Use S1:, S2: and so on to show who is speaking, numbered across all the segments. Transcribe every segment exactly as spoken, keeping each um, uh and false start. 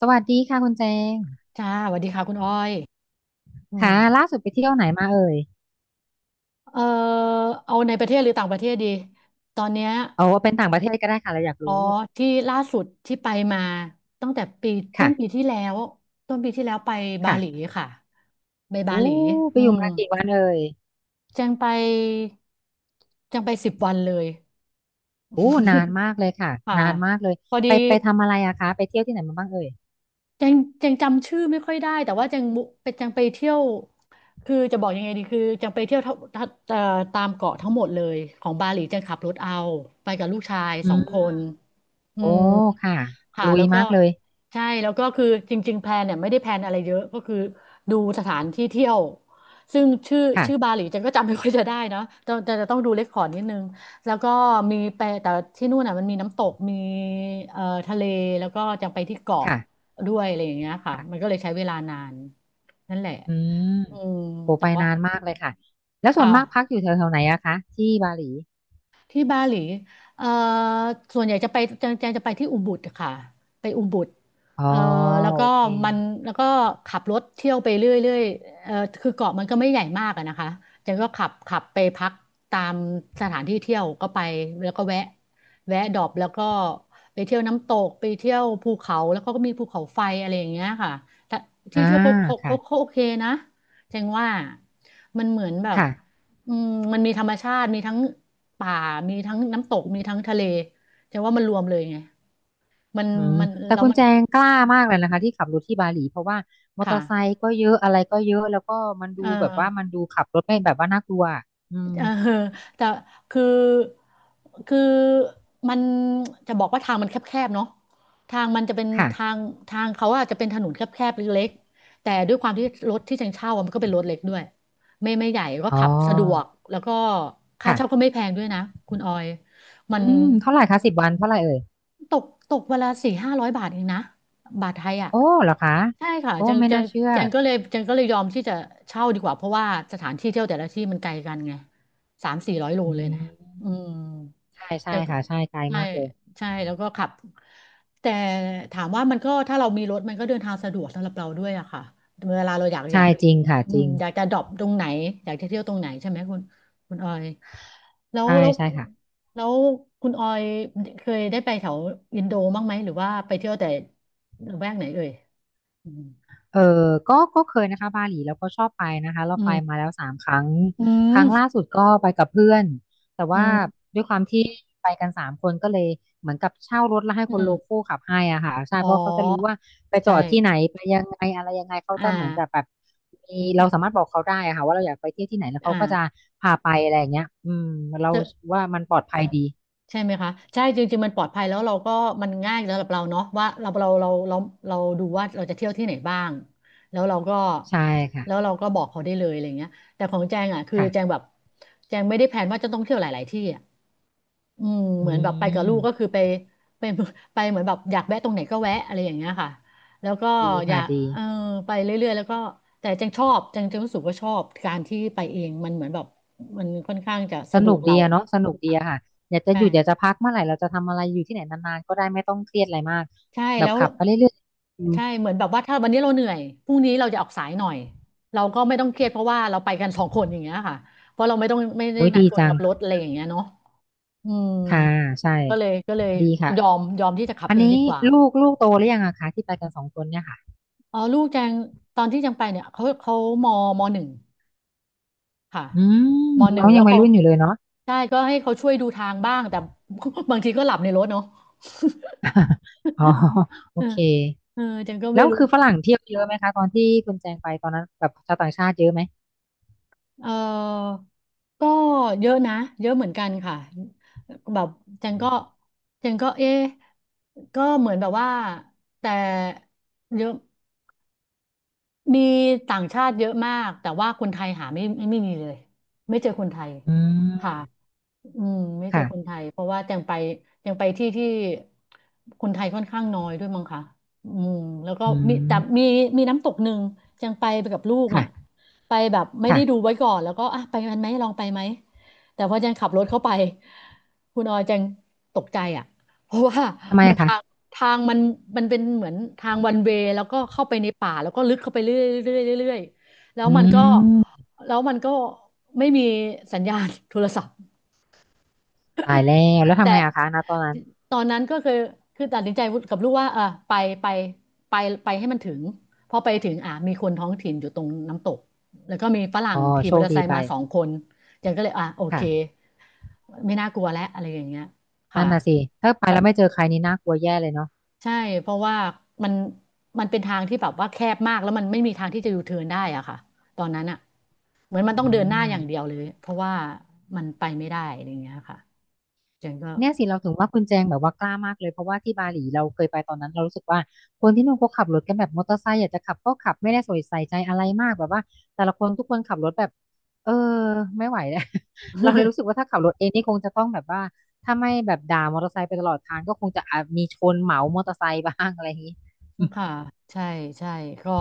S1: สวัสดีค่ะคุณแจง
S2: จ้าสวัสดีค่ะคุณอ้อยอื
S1: ค่ะ
S2: ม
S1: ล่าสุดไปเที่ยวไหนมาเอ่ย
S2: เอ่อเอาในประเทศหรือต่างประเทศดีตอนเนี้ย
S1: เอาเป็นต่างประเทศก็ได้ค่ะเราอยาก
S2: อ๋อ
S1: รู้
S2: ที่ล่าสุดที่ไปมาตั้งแต่ปีต้นปี
S1: ค่ะ
S2: ที่แล้วต้นปีที่แล้วไปบา
S1: ค่ะ
S2: หลีค่ะไปบาห
S1: อู้
S2: ลี
S1: ไป
S2: อื
S1: อยู่
S2: ม
S1: มากี่วันเอ่ย
S2: แจังไปแจังไปสิบวันเลย
S1: อู้นานมากเลยค่ะ
S2: ค่ะ
S1: นานมากเลย
S2: พอดี
S1: ไปไปทำอะไรอะคะไปเที่ยวที่ไหนมาบ้างเอ่ย
S2: ยังยังจำชื่อไม่ค่อยได้แต่ว่าจังมุเป็นจังไปเที่ยวคือจะบอกยังไงดีคือจังไปเที่ยวทั้งทั้งเอ่อตามเกาะทั้งหมดเลยของบาหลีจังขับรถเอาไปกับลูกชาย
S1: อื
S2: สองค
S1: ม
S2: นอื
S1: โอ้
S2: ม
S1: ค่ะ
S2: ค่ะ
S1: ลุ
S2: แล้
S1: ย
S2: วก็
S1: มากเลย
S2: ใช่แล้วก็คือจริงๆแพลนเนี่ยไม่ได้แพลนอะไรเยอะก็คือดูสถานที่เที่ยวซึ่งชื่อชื่อ
S1: ค่ะ
S2: บาหลีจันก็จำไม่ค่อยจะได้นะแต่แต่จะต้องดูเรคคอร์ดนิดนึงแล้วก็มีไปแต่ที่นู่นน่ะมันมีน้ำตกมีเอ่อทะเลแล้วก็จะไปที่เกาะ
S1: ค่ะ
S2: ด้วยอะไรอย่างเงี้ยค่ะ
S1: ค่ะ
S2: มันก็เลยใช้เวลานานนั่นแหละ
S1: อืม
S2: อืม
S1: โอ้
S2: แต่
S1: ไป
S2: ว่า
S1: นานมากเลยค่ะแล้วส่วน
S2: ค่ะ
S1: มากพักอยู่แถวๆไหนอะคะที่บาหลี
S2: ที่บาหลีเอ่อส่วนใหญ่จะไปแจงแจงจะไปที่อุบุดค่ะไปอุบุด
S1: อ๋อ
S2: เอ่อแล้ว
S1: โอ
S2: ก็
S1: เค
S2: มันแล้วก็ขับรถเที่ยวไปเรื่อยๆเอ่อคือเกาะมันก็ไม่ใหญ่มากอะนะคะแจงก็ขับขับไปพักตามสถานที่เที่ยวก็ไปแล้วก็แวะแวะดรอปแล้วก็ไปเที่ยวน้ำตกไปเที่ยวภูเขาแล้วก็มีภูเขาไฟอะไรอย่างเงี้ยค่ะแต่ที่
S1: อ่า
S2: เที่ยวเขาเขา
S1: ค่ะ
S2: เขาเขาโอเคนะแจงว่ามันเหมือนแบบ
S1: ค่ะ
S2: อืมมันมีธรรมชาติมีทั้งป่ามีทั้งน้ำตกมีทั้งทะเลแต่ว่ามันรวมเลยไงมัน
S1: อืม
S2: มัน
S1: แต่
S2: แล้ว
S1: คุณ
S2: มัน
S1: แจงกล้ามากเลยนะคะที่ขับรถที่บาหลีเพราะว่ามอเต
S2: ค่ะ
S1: อร์ไซค์ก็เยอะอะไรก็เยอะแล้วก็มันดู
S2: เอ
S1: แบบว่ามัน
S2: อ
S1: ดูขับรถไม่แบบว่าน่ากลัวอืม
S2: เออ แต่คือคือมันจะบอกว่าทางมันแคบๆเนาะทางมันจะเป็น
S1: ค่ะ
S2: ทางทางเขาอะจะเป็นถนนแคบๆเล็กๆแต่ด้วยความที่รถที่จังเช่าอะมันก็เป็นรถเล็กด้วยไม่ไม่ใหญ่ก็
S1: อ๋อ
S2: ขับสะดวกแล้วก็ค่า
S1: ค่ะ
S2: เช่าก็ไม่แพงด้วยนะคุณออยมั
S1: อื
S2: น
S1: มเท่าไหร่คะสิบวันเท่าไหร่เอ่ย
S2: ตกตกวันละสี่ห้าร้อยบาทเองนะบาทไทยอ่ะ
S1: โอ้เหรอคะ
S2: ใช่ค่ะ
S1: โอ้
S2: จัง
S1: ไม่
S2: จัง
S1: น่าเชื่อ
S2: จังก็เลยจังก็เลยยอมที่จะเช่าดีกว่าเพราะว่าสถานที่เที่ยวแต่ละที่มันไกลกันไงสามสี่ร้อยโล
S1: อื
S2: เลยนะอื
S1: ม
S2: ม
S1: ใช่
S2: แต่
S1: ใช่
S2: ก็
S1: ค่ะใช่ไกล
S2: ใช่
S1: มากเลย
S2: ใช่แล้วก็ขับแต่ถามว่ามันก็ถ้าเรามีรถมันก็เดินทางสะดวกสำหรับเราด้วยอะค่ะเวลาเราอยากอยา
S1: ใช่
S2: ก
S1: จริงค่ะ
S2: อื
S1: จ
S2: ม
S1: ริง
S2: อยากจะดรอปตรงไหนอยากจะเที่ยวตรงไหนใช่ไหมคุณคุณออยแล้ว
S1: ใช่
S2: แล้ว
S1: ใช่ค่ะ
S2: แล้วคุณออยเคยได้ไปแถวอินโดบ้างไหมหรือว่าไปเที่ยวแต่ละแวกไหนเอ่ยอืม
S1: เออก็ก็เคยนะคะบาหลีแล้วก็ชอบไปนะคะเรา
S2: อื
S1: ไปมา
S2: ม
S1: แล้วสามครั้ง
S2: อื
S1: ค
S2: ม
S1: รั้งล่าสุดก็ไปกับเพื่อนแต่
S2: อื
S1: ว่า
S2: ม
S1: ด้วยความที่ไปกันสามคนก็เลยเหมือนกับเช่ารถแล้วให้
S2: อื
S1: คนโลคอ
S2: ม
S1: ลขับให้อ่ะค่ะใช่
S2: อ๋อ
S1: เพราะเขาจะรู้ว่าไปจ
S2: ใช่
S1: อดที่ไหนไปยังไงอะไรยังไงเขา
S2: อ่า
S1: จะเหมือนจะแบบมีเราสามารถบอกเขาได้อะค่ะว่าเราอยากไปเที่ยวที่ไหนแล้วเขา
S2: อ่า
S1: ก็จะพาไปอะไรอย่างเงี้ยอืมเรา
S2: เจอ
S1: ว่ามันปลอดภัยดี
S2: ใช่ไหมคะใช่จริงๆมันปลอดภัยแล้วเราก็มันง่ายสำหรับเราเนาะว่าเราเราเราเราเราดูว่าเราจะเที่ยวที่ไหนบ้างแล้วเราก็
S1: ใช่ค่ะ
S2: แล้วเราก็บอกเขาได้เลยอะไรเงี้ยแต่ของแจงอ่ะคือแจง
S1: ค่ะ
S2: แบบแจงไม่ได้แผนว่าจะต้องเที่ยวหลายๆ ที่อ่ะอืม
S1: อื
S2: เหมือนแบบไปกับลูกก็คือ
S1: ม
S2: ไปไป ไปเหมือนแบบอยากแวะตรงไหนก็แวะอะไรอย่างเงี้ยค่ะแล้วก็
S1: ดี
S2: อยา
S1: ค่ะ
S2: ก
S1: ดี
S2: เออไปเรื่อยๆแล้วก็แต่แจงชอบแจงแจงรู้สึกว่าชอบการที่ไปเองมันเหมือนแบบมันค่อนข้างจะ
S1: ส
S2: สะด
S1: นุ
S2: ว
S1: ก
S2: ก
S1: ดี
S2: เรา
S1: อะเนาะสนุกดี
S2: ค่ะ
S1: อะค่ะอยากจะ
S2: ใช่
S1: หยุดอยากจะพักเมื่อไหร่เราจะทำอะไรอยู่ที่ไหนนานๆก็ได้ไม่ต้องเครียดอะไรมาก
S2: ใช่
S1: แบ
S2: แล้
S1: บ
S2: ว
S1: ขั
S2: เรา
S1: บไปเรื่อยๆอืม
S2: ใช่เหมือนแบบว่าถ้าวันนี้เราเหนื่อยพรุ่งนี้เราจะออกสายหน่อยเราก็ไม่ต้องเครียดเพราะว่าเราไปกันสองคนอย่างเงี้ยค่ะเพราะเราไม่ต้องไม่ได้
S1: โอ้ย
S2: นัด
S1: ดี
S2: คน
S1: จั
S2: ขั
S1: ง
S2: บรถอะไรอย่างเงี้ยเนาะอืม
S1: ค่ะใช่
S2: ก็เลยก็เลย
S1: ดีค่ะ
S2: ยอมยอมที่จะขับ
S1: อัน
S2: เอง
S1: นี้
S2: ดีกว่า
S1: ลูกลูกโตหรือยังอะคะที่ไปกันสองคนเนี่ยค่ะ
S2: อ๋อลูกแจงตอนที่แจงไปเนี่ยเขาเขามมหนึ่งค่ะ
S1: อืม
S2: มหนึ่
S1: น้อ
S2: ง
S1: ง
S2: แล้
S1: ยั
S2: ว
S1: งวัย
S2: เขา
S1: รุ่นอยู่เลยเนาะ
S2: ใช่ก็ให้เขาช่วยดูทางบ้างแต่ บางทีก็หลับในรถเนาะ
S1: อ๋อโอ
S2: เออ
S1: เค
S2: เออแจงก็
S1: แล้
S2: ไม่
S1: ว
S2: รู้
S1: คือฝรั่งเที่ยวเยอะไหมคะตอนที่คุณแจงไปตอนนั้นแบบชาวต่างชาติเยอะไหม
S2: เออก็เยอะนะ เยอะเหมือนกันค่ะแบบจันก็จันก็เอ๊ะก็เหมือนแบบว่า แต่เยอะ มีต่างชาติเยอะมากแต่ว่าคนไทยหาไม่ไม่ไม่มีเลยไม่เจอคนไทย
S1: อื
S2: ค่ะ
S1: ม
S2: อืมไม่เจอคน
S1: ค่ะ
S2: ไทยเพราะว่าแจงไปแจงไปที่ที่คนไทยค่อนข้างน้อยด้วยมั้งคะอืมแล้วก็
S1: อื
S2: มีแต่
S1: ม
S2: มีมีน้ำตกหนึ่งแจงไปไปกับลูกน่ะ
S1: ค่ะ
S2: ไปแบบไม่
S1: ค่ะ
S2: ได้ดูไว้ก่อนแล้วก็อ่ะไปกันไหมลองไปไหมแต่พอแจงขับรถเข้าไปคุณออยแจงตกใจอ่ะเพราะว่า
S1: ทำไม
S2: มัน
S1: อะคะ
S2: ทาง ทางมันมันเป็นเหมือนทางวันเวยแล้วก็เข้าไปในป่าแล้วก็ลึกเข้าไปเรื่อยเรื่อยเรื่อยแล้ว
S1: อื
S2: มันก็
S1: ม
S2: แล้วมันก็ไม่มีสัญญาณโทรศัพท์
S1: ตายแล้วแล้วทำ
S2: แต่
S1: ไงอะคะณตอนนั้น
S2: ตอนนั้นก็คือคือตัดสินใจกับลูกว่าเออไปไปไปไปให้มันถึงพอไปถึงอ่ะมีคนท้องถิ่นอยู่ตรงน้ำตกแล้วก็มีฝรั่
S1: อ๋
S2: ง
S1: อ
S2: ขี่
S1: โช
S2: มอ
S1: ค
S2: เตอร์ไซ
S1: ดี
S2: ค์
S1: ไป
S2: มาสองคนยังก็เลยอ่ะโอเค
S1: ค่ะ
S2: ไม่น่ากลัวแล้วอะไรอย่างเงี้ยค่ะ
S1: นั่นน่ะสิถ้าไปแล้วไม่เจอใครนี่น่ากลัวแย่เลยเนาะ
S2: ใช่เพราะว่ามันมันเป็นทางที่แบบว่าแคบมากแล้วมันไม่มีทางที่จะยูเทิร์นได้อะค่ะตอนนั้นอะเหมือนมัน
S1: อื
S2: ต้องเดินหน้า
S1: ม
S2: อย่างเดียวเลยเพราะว่ามันไปไม่ได้อะไรอย่างเงี้ยค่ะเจนก็
S1: เนี่ยสิเราถึงว่าคุณแจงแบบว่ากล้ามากเลยเพราะว่าที่บาหลีเราเคยไปตอนนั้นเรารู้สึกว่าคนที่นู่นเขาขับรถกันแบบมอเตอร์ไซค์อยากจะขับก็ขับไม่ได้ใส่ใจอะไรมากแบบว่าแต่ละคนทุกคนขับรถแบบเออไม่ไหวแล้ เราเลยรู้สึกว่าถ้าขับรถเองนี่คงจะต้องแบบว่าถ้าไม่แบบด่ามอเตอร์ไซค์ไปตลอดทางก็คงจะอาจมีชนเหมามอเตอร์ไซค์บ้างอะไรอย่างนี้
S2: ค่ะใช่ใช่ก็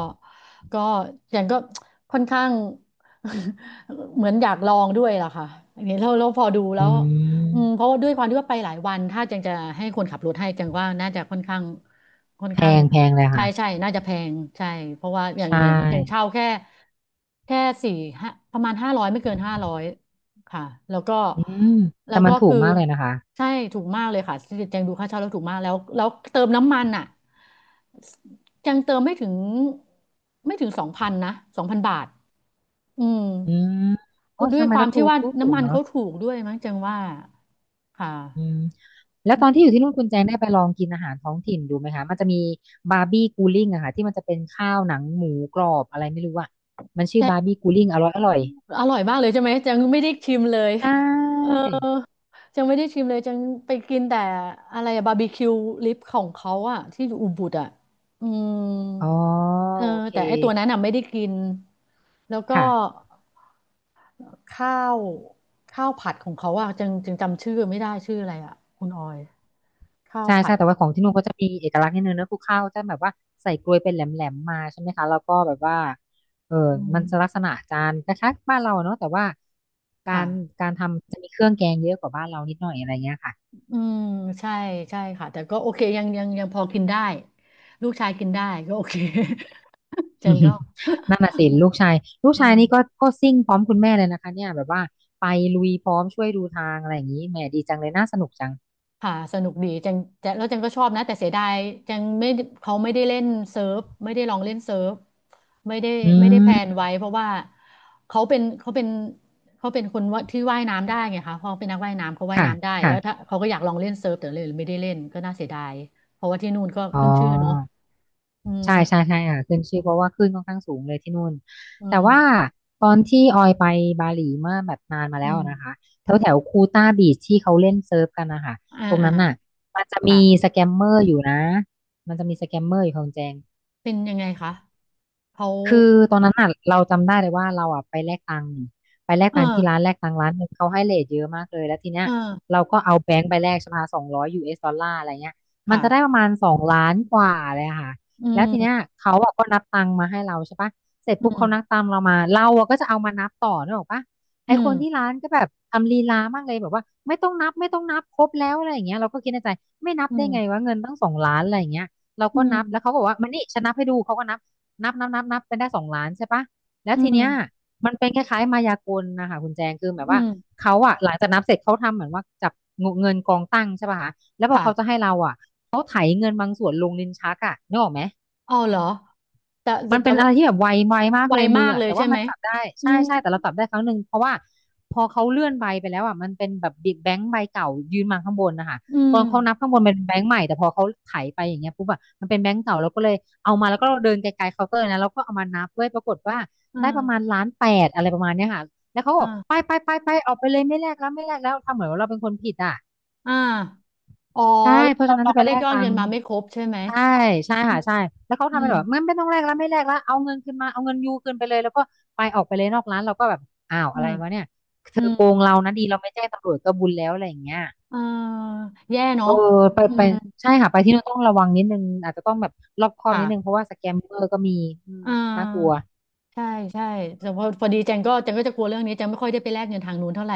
S2: ก็อย่างก็ค่อนข้าง เหมือนอยากลองด้วยล่ะค่ะอย่างนี้เราเราพอดู แล้
S1: อื
S2: วอืมเพ
S1: ม
S2: ราะว่าด้วยความที่ว่าไปหลายวันถ้าจังจะให้คนขับรถให้จังว่าน่าจะค่อนข้างค่อน
S1: แพ
S2: ข้าง
S1: งแพงเลย
S2: ใช่
S1: ค่ะ
S2: ใช่น่าจะแพงใช่เพราะว่าอย่าง
S1: ใช่
S2: อย่างจังเช่าแค่แค่สี่ห้าประมาณห้าร้อยไม่เกินห้าร้อย ค่ะแล้วก็
S1: อืม
S2: แล้
S1: แต่
S2: ว
S1: มั
S2: ก็
S1: นถูก
S2: คือ
S1: มากเลยนะคะ
S2: ใช่ถูกมากเลยค่ะแจงดูค่าเช่าแล้วถูกมากแล้วแล้วเติมน้ำมันอ่ะยังเติมไม่ถึงไม่ถึงสองพันนะสองพันบาทอืม
S1: อืมโอ้
S2: ด้วย
S1: ทำไม
S2: ควา
S1: ก็
S2: ม
S1: ถู
S2: ที่
S1: ก
S2: ว่า
S1: ถูกถู
S2: น้ำ
S1: ก
S2: มัน
S1: เนาะ
S2: เขาถูกด้วยมั้งแจงว่าค่ะ
S1: อืมแล้วตอนที่อยู่ที่นู่นคุณแจงได้ไปลองกินอาหารท้องถิ่นดูไหมคะมันจะมีบาร์บี้กูลิ่งอะค่ะที่มันจะเป็นข้าวหนังหมูกรอบอะไรไม่รู้อะมันชื่อ
S2: แต่
S1: บาร์บี้กูลิ่งอร่อยอร่อย
S2: อร่อยมากเลยใช่ไหมแจงไม่ได้ชิมเลย
S1: ใช
S2: เออ
S1: ่
S2: จจงไม่ได้ชิมเลยจังไปกินแต่อะไรบาร์บีคิวลิปของเขาอะที่อยู่อุบุดอะอืม
S1: อ๋อ
S2: เออ
S1: โอเค
S2: แต่ไอ้ตัวนั้นน่ะไม่ได้กินแล้วก็
S1: ค่ะ
S2: ข้าวข้าวผัดของเขาอ่ะจึงจึงจำชื่อไม่ได้ชื่ออะไรอ่ะคุณออยข้าว
S1: ใช่
S2: ผั
S1: ใช่
S2: ด
S1: แต่ว่าของที่นู่นก็จะมีเอกลักษณ์นิดนึงนะคือข้าวจะแบบว่าใส่กลวยเป็นแหลมๆมาใช่ไหมคะแล้วก็แบบว่าเออ
S2: อื
S1: มันจะลัก
S2: ม
S1: ษณะจานคล้ายๆบ้านเราเนอะแต่ว่าการ
S2: ค่ะ
S1: การทำจะมีเครื่องแกงเยอะกว่าบ้านเรานิดหน่อยอะไรเงี้ยค่ะ
S2: อืมใช่ใช่ค่ะแต่ก็โอเคยังยังยังพอกินได้ลูกชายกินได้ก็โอเค เจนก็
S1: นั่นน่ะสิลูกชายลู ก
S2: อื
S1: ชายนี่ก็
S2: ม
S1: ก็ซิ่งพร้อมคุณแม่เลยนะคะเนี่ยแบบว่าไปลุยพร้อมช่วยดูทางอะไรอย่างนี้แหมดีจังเลยน่าสนุกจัง
S2: ค่ะสนุกดีจังจะแล้วจังก็ชอบนะแต่เสียดายจังไม่เขาไม่ได้เล่นเซิร์ฟไม่ได้ลองเล่นเซิร์ฟไม่ได้
S1: อื
S2: ไม่ได้แพลน
S1: ม
S2: ไว้เพราะว่าเขาเป็นเขาเป็นเขาเป็นคนว่าที่ว่ายน้ำได้ไงคะเขาเป็นนักว่ายน้ำเขาว่าย
S1: ค่ะ
S2: น้ำได้
S1: ค่ะ
S2: แล้วถ้าเขาก็อยากลองเล่นเซิร์ฟแต่เลยไม่ได้เล่นก็น่าเสียดายเพราะว่าที่นู่นก็
S1: อ๋
S2: ขึ้นชื่อเนาะ
S1: อ
S2: อืม
S1: ใช่ใช่ใช่ค่ะขึ้นชื่อเพราะว่าขึ้นค่อนข้างสูงเลยที่นู่น
S2: อื
S1: แต่ว่า
S2: ม
S1: ตอนที่ออยไปบาหลีเมื่อแบบนานมา
S2: อื
S1: แล้ว
S2: ม
S1: นะคะแถว
S2: อื
S1: แถ
S2: ม
S1: วคูต้าบีชที่เขาเล่นเซิร์ฟกันนะคะ
S2: อ่า
S1: ตรง
S2: อ่า
S1: นั้นน่ะมันจะมี
S2: ค่ะ
S1: สแกมเมอร์อยู่นะ มันจะมีสแกมเมอร์อยู่ของแจง
S2: เป็นยังไงคะเขา
S1: คือตอนนั้นอ่ะเราจำได้เลยว่าเราอ่ะไปแลกตังค์ไปแลก
S2: เออ
S1: ตังค์ที่ร้านแลกตังค์ร้านหนึ่งเขาให้เรทเยอะมากเลยแล้วทีเนี้
S2: เอ
S1: ย
S2: อ
S1: เราก็เอาแบงค์ไปแลกใช่ไหมสองร้อยยูเอสดอลลาร์อะไรเงี้ยมันจะได้
S2: ค่ะ
S1: ประมาณสองล้านกว่าเลยอะค่ะ
S2: อื
S1: แล้วทีเนี้ย
S2: ม
S1: เขาอ่ะก็นับตังค์มาให้เราใช่ปะเสร็จ
S2: อื
S1: ปุ๊บ
S2: ม
S1: เขานับตังค์เรามาเราอ่ะก็จะเอามานับต่อนึกออกปะไอ
S2: อื
S1: ค
S2: ม
S1: นที่ร้านก็แบบทำลีลามากเลยแบบว่าไม่ต้องนับไม่ต้องนับครบแล้วอะไรอย่างเงี้ยเราก็คิดในใจไม่นับ
S2: อื
S1: ได้ไง
S2: ม
S1: วะเงินตั้งสองล้านอะไรอย่างเงี้ยเรา
S2: อื
S1: ก็
S2: ม
S1: นับแล้วเขาก็บอกว่ามานี่ฉันนับให้ดูเขาก็นับ นับนับนับนับเป็นได้สองล้านใช่ปะแล้ว
S2: อื
S1: ทีเนี้ย
S2: ม
S1: มันเป็นคล้ายๆมายากลนะคะคุณแจงคือแบบ
S2: อื
S1: ว่า
S2: ม
S1: เขาอะหลังจากนับเสร็จเขาทำเหมือนว่าจับเงินกองตั้งใช่ปะคะแล้วพอ
S2: ค่ะ
S1: เขาจะให้เราอะ
S2: เอาเหรอ แต่แต่
S1: มัน
S2: แต่
S1: เป็น
S2: ว่า
S1: อะไรที่แบบไวไวมาก
S2: ไว
S1: เลยมือ
S2: มาก
S1: อะ
S2: เลย
S1: แต่
S2: ใช่
S1: ว่า
S2: ไห
S1: มั
S2: ม
S1: นจับได้
S2: อื
S1: ใช่
S2: ม
S1: ใช่แต่เราจับได้ครั้งหนึ่งเพราะว่าพอเขาเลื่อนใบไปแล้วอ่ะมันเป็นแบบบิดแบงค์ใบเก่ายืนมาข้างบนนะคะ
S2: อื
S1: ตอนเขานับ
S2: ม
S1: ข้างบนมันเป็นแบงค์ใหม่แต่พอเขาไถไปอย่างเงี้ยปุ๊บอะมันเป็นแบงค์เก่าเราก็เลยเอามาแล้วก็เดินไกลๆเคาน์เตอร์นะเราก็เอามานับด้วยปรากฏว่า
S2: อ
S1: ได้ประมาณ
S2: ่า
S1: ล้านแปดอะไรประมาณเนี้ยค่ะแล้วเขาบอ
S2: อ่า
S1: กไปไปไปไปออกไปเลยไม่แลกแล้วไม่แลกแล้วทำเหมือนว่าเราเป็นคนผิดอ่ะ
S2: อ่าอ๋อ
S1: ใช่
S2: แล้ว
S1: เพราะ
S2: เรา
S1: ฉะนั้น
S2: เรา
S1: จะ
S2: ก็
S1: ไป
S2: ได้
S1: แล
S2: ย
S1: ก
S2: อด
S1: ตั
S2: เงิ
S1: ง
S2: น
S1: ค์
S2: มาไม่ครบใช่ไหม
S1: ใช่ใช่
S2: อื
S1: ค่ะ
S2: ม
S1: ใช่แล้วเขา
S2: อื
S1: ทำเป็น
S2: ม
S1: แบบไม่ไม่ต้องแลกแล้วไม่แลกแล้วเอาเงินคืนมาเอาเงินยูคืนไปเลยแล้วก็ไปออกไปเลยนอกร้านเราก็แบบอ้าว
S2: อื
S1: อะไร
S2: ม
S1: วะเนี่ยเธ
S2: อื
S1: อโก
S2: ม
S1: งเรานะดีเราไม่แจ้งตำรวจก็บุญแล้วอะไรอย่างเงี้ย
S2: เอ่าแย่เนาะ
S1: เออไป
S2: อื
S1: ไป
S2: ม
S1: ใช่ค่ะไปที่นู่นต้องระวังนิดนึงอาจจะต้องแบบรอบคอบ
S2: ค่ะ
S1: นิดนึงเพราะว่าสแกมเมอร์ก็มีอืม
S2: อ่
S1: น่ากลัว
S2: า ใช่ใช่แต่พอพอดีแจงก็แจงก็จะกลัวเรื่องนี้แจงไม่ค่อยได้ไปแลกเงินทางนู้นเท่าไหร่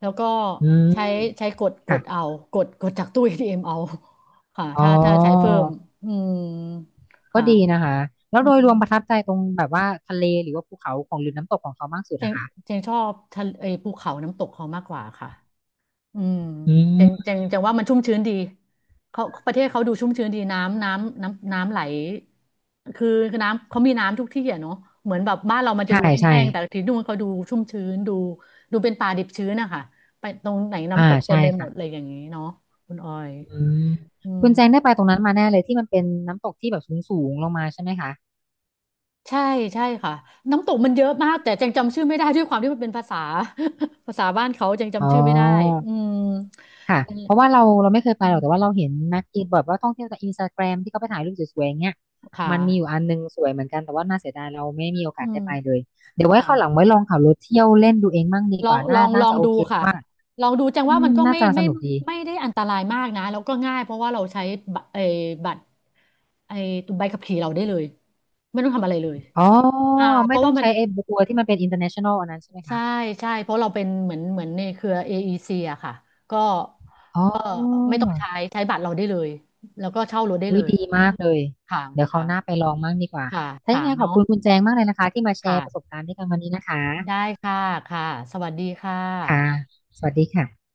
S2: แล้วก็
S1: อืม
S2: ใช้ใช้กดก
S1: ค่ะ
S2: ดเอากดกดจากตู้เอทีเอมเอาค่ะ
S1: อ๋อ
S2: ถ้าถ้าใช้เพิ่มอืม
S1: ก็
S2: ค่ะ
S1: ดีนะคะแล้ว
S2: อื
S1: โดย
S2: ม
S1: รวมประทับใจตรงแบบว่าทะเลหรือว่าภูเขาของหรือน้ำตกของเขามากสุด
S2: แจ
S1: อะ
S2: ง
S1: คะ
S2: แจงชอบทะเลไอ้ภูเขาน้ำตกเขามากกว่าค่ะ อืม
S1: อื
S2: เจัง
S1: ม
S2: จังจังว่ามันชุ่มชื้นดีเขาประเทศเขาดูชุ่มชื้นดีน้ำน้ำน้ำน้ำไหลคือคือน้ำเขามีน้ำทุกที่อ่ะเนาะเหมือนแบบบ้านเรามันจะ
S1: ใช่
S2: ดู
S1: ใช่
S2: แห้งๆแต่ที่นู่นเขาดูชุ่มชื้นดูดูเป็นป่าดิบชื้นอะค่ะไปตรงไหน
S1: อ่า
S2: น้ำตกเต็
S1: ใช่
S2: มไปหม
S1: ค่ะ
S2: ดเลยอย่างนี้เนาะคุณออย
S1: อืม
S2: อืม
S1: คุณแจงได้ไปตรงนั้นมาแน่เลยที่มันเป็นน้ำตกที่แบบสูงๆลงมาใช่ไหมคะ
S2: ใช่ใช่ค่ะน้ำตกมันเยอะมากแต่จังจำชื่อไม่ได้ด้วยความที่มันเป็นภาษา ภาษาบ้านเขาจัง
S1: อ๋
S2: จำ
S1: อ
S2: ชื่อไม่ได้อืม
S1: ค่ะ
S2: นั่นแห
S1: เพ
S2: ละ
S1: ราะว่าเราเราไม่เคย
S2: อื
S1: ไปหร
S2: ม
S1: อกแต่ว่าเราเห็นนักกินแบบว่าท่องเที่ยวจากอินสตาแกรมที่เขาไปถ่ายรูปสวยๆอย่างเงี้ย
S2: ค
S1: มันมีอยู่
S2: ่ะ
S1: อันนึงสวยเหมือนกันแต่ว่าน่าเสียดายเราไม่มีโอ
S2: อื
S1: กาส
S2: ม
S1: ได้ไปเลยเดี๋ยวไว้
S2: ค่ะ
S1: คราวหลังไว้ลองขับรถเที่ยวเล่นดูเองมั่งดี
S2: ลอ
S1: ก
S2: ง
S1: ว่า
S2: ลอ
S1: น่า
S2: งล
S1: น่า
S2: อง
S1: จะโอ
S2: ดู
S1: เค
S2: ค่ะ
S1: ว่า
S2: ลองดูจัง
S1: อื
S2: ว่ามั
S1: ม
S2: นก็
S1: น่า
S2: ไม่
S1: จะส
S2: ไม่
S1: นุกดี
S2: ไม่ได้อันตรายมากนะแล้วก็ง่ายเพราะว่าเราใช้บัตรไอ้บัตรไอ้ตัวใบขับขี่เราได้เลยไม่ต้องทำอะไรเลย
S1: อ๋อ
S2: อ่าเพ
S1: ไม่
S2: ราะ
S1: ต้อ
S2: ว่า
S1: ง
S2: มัน
S1: ใช้ไอ้บัวที่มันเป็น อินเตอร์เนชันแนล อันนั้นใช่ไหม
S2: ใช่
S1: คะ
S2: ใช่เพราะเราเป็นเหมือนเหมือนในเครือ เอ อี ซี ออีซีอะค่ะก็
S1: อ๋อ
S2: ก็ไม่ต้องใช้ใช้บัตรเราได้เลยแล้วก็เช่ารถได้เล
S1: วิ
S2: ย
S1: ดีมากเลย
S2: ค่ะ
S1: เดี๋ยวเขา
S2: ค่ะ
S1: วหน้าไปลองมั่งดีกว่า
S2: ค่ะ
S1: ถ้ายั
S2: ค่ะ
S1: งไงขอบ
S2: เนาะ
S1: คุณคุณแจงมากเลยนะคะที่มาแชร์ประส
S2: ค่ะ
S1: บการณ์ด้วยกันวันนี้นะคะ
S2: ได้ค่ะค่ะสวัสดีค่ะ
S1: ค่ะ สวัสดีค่ะ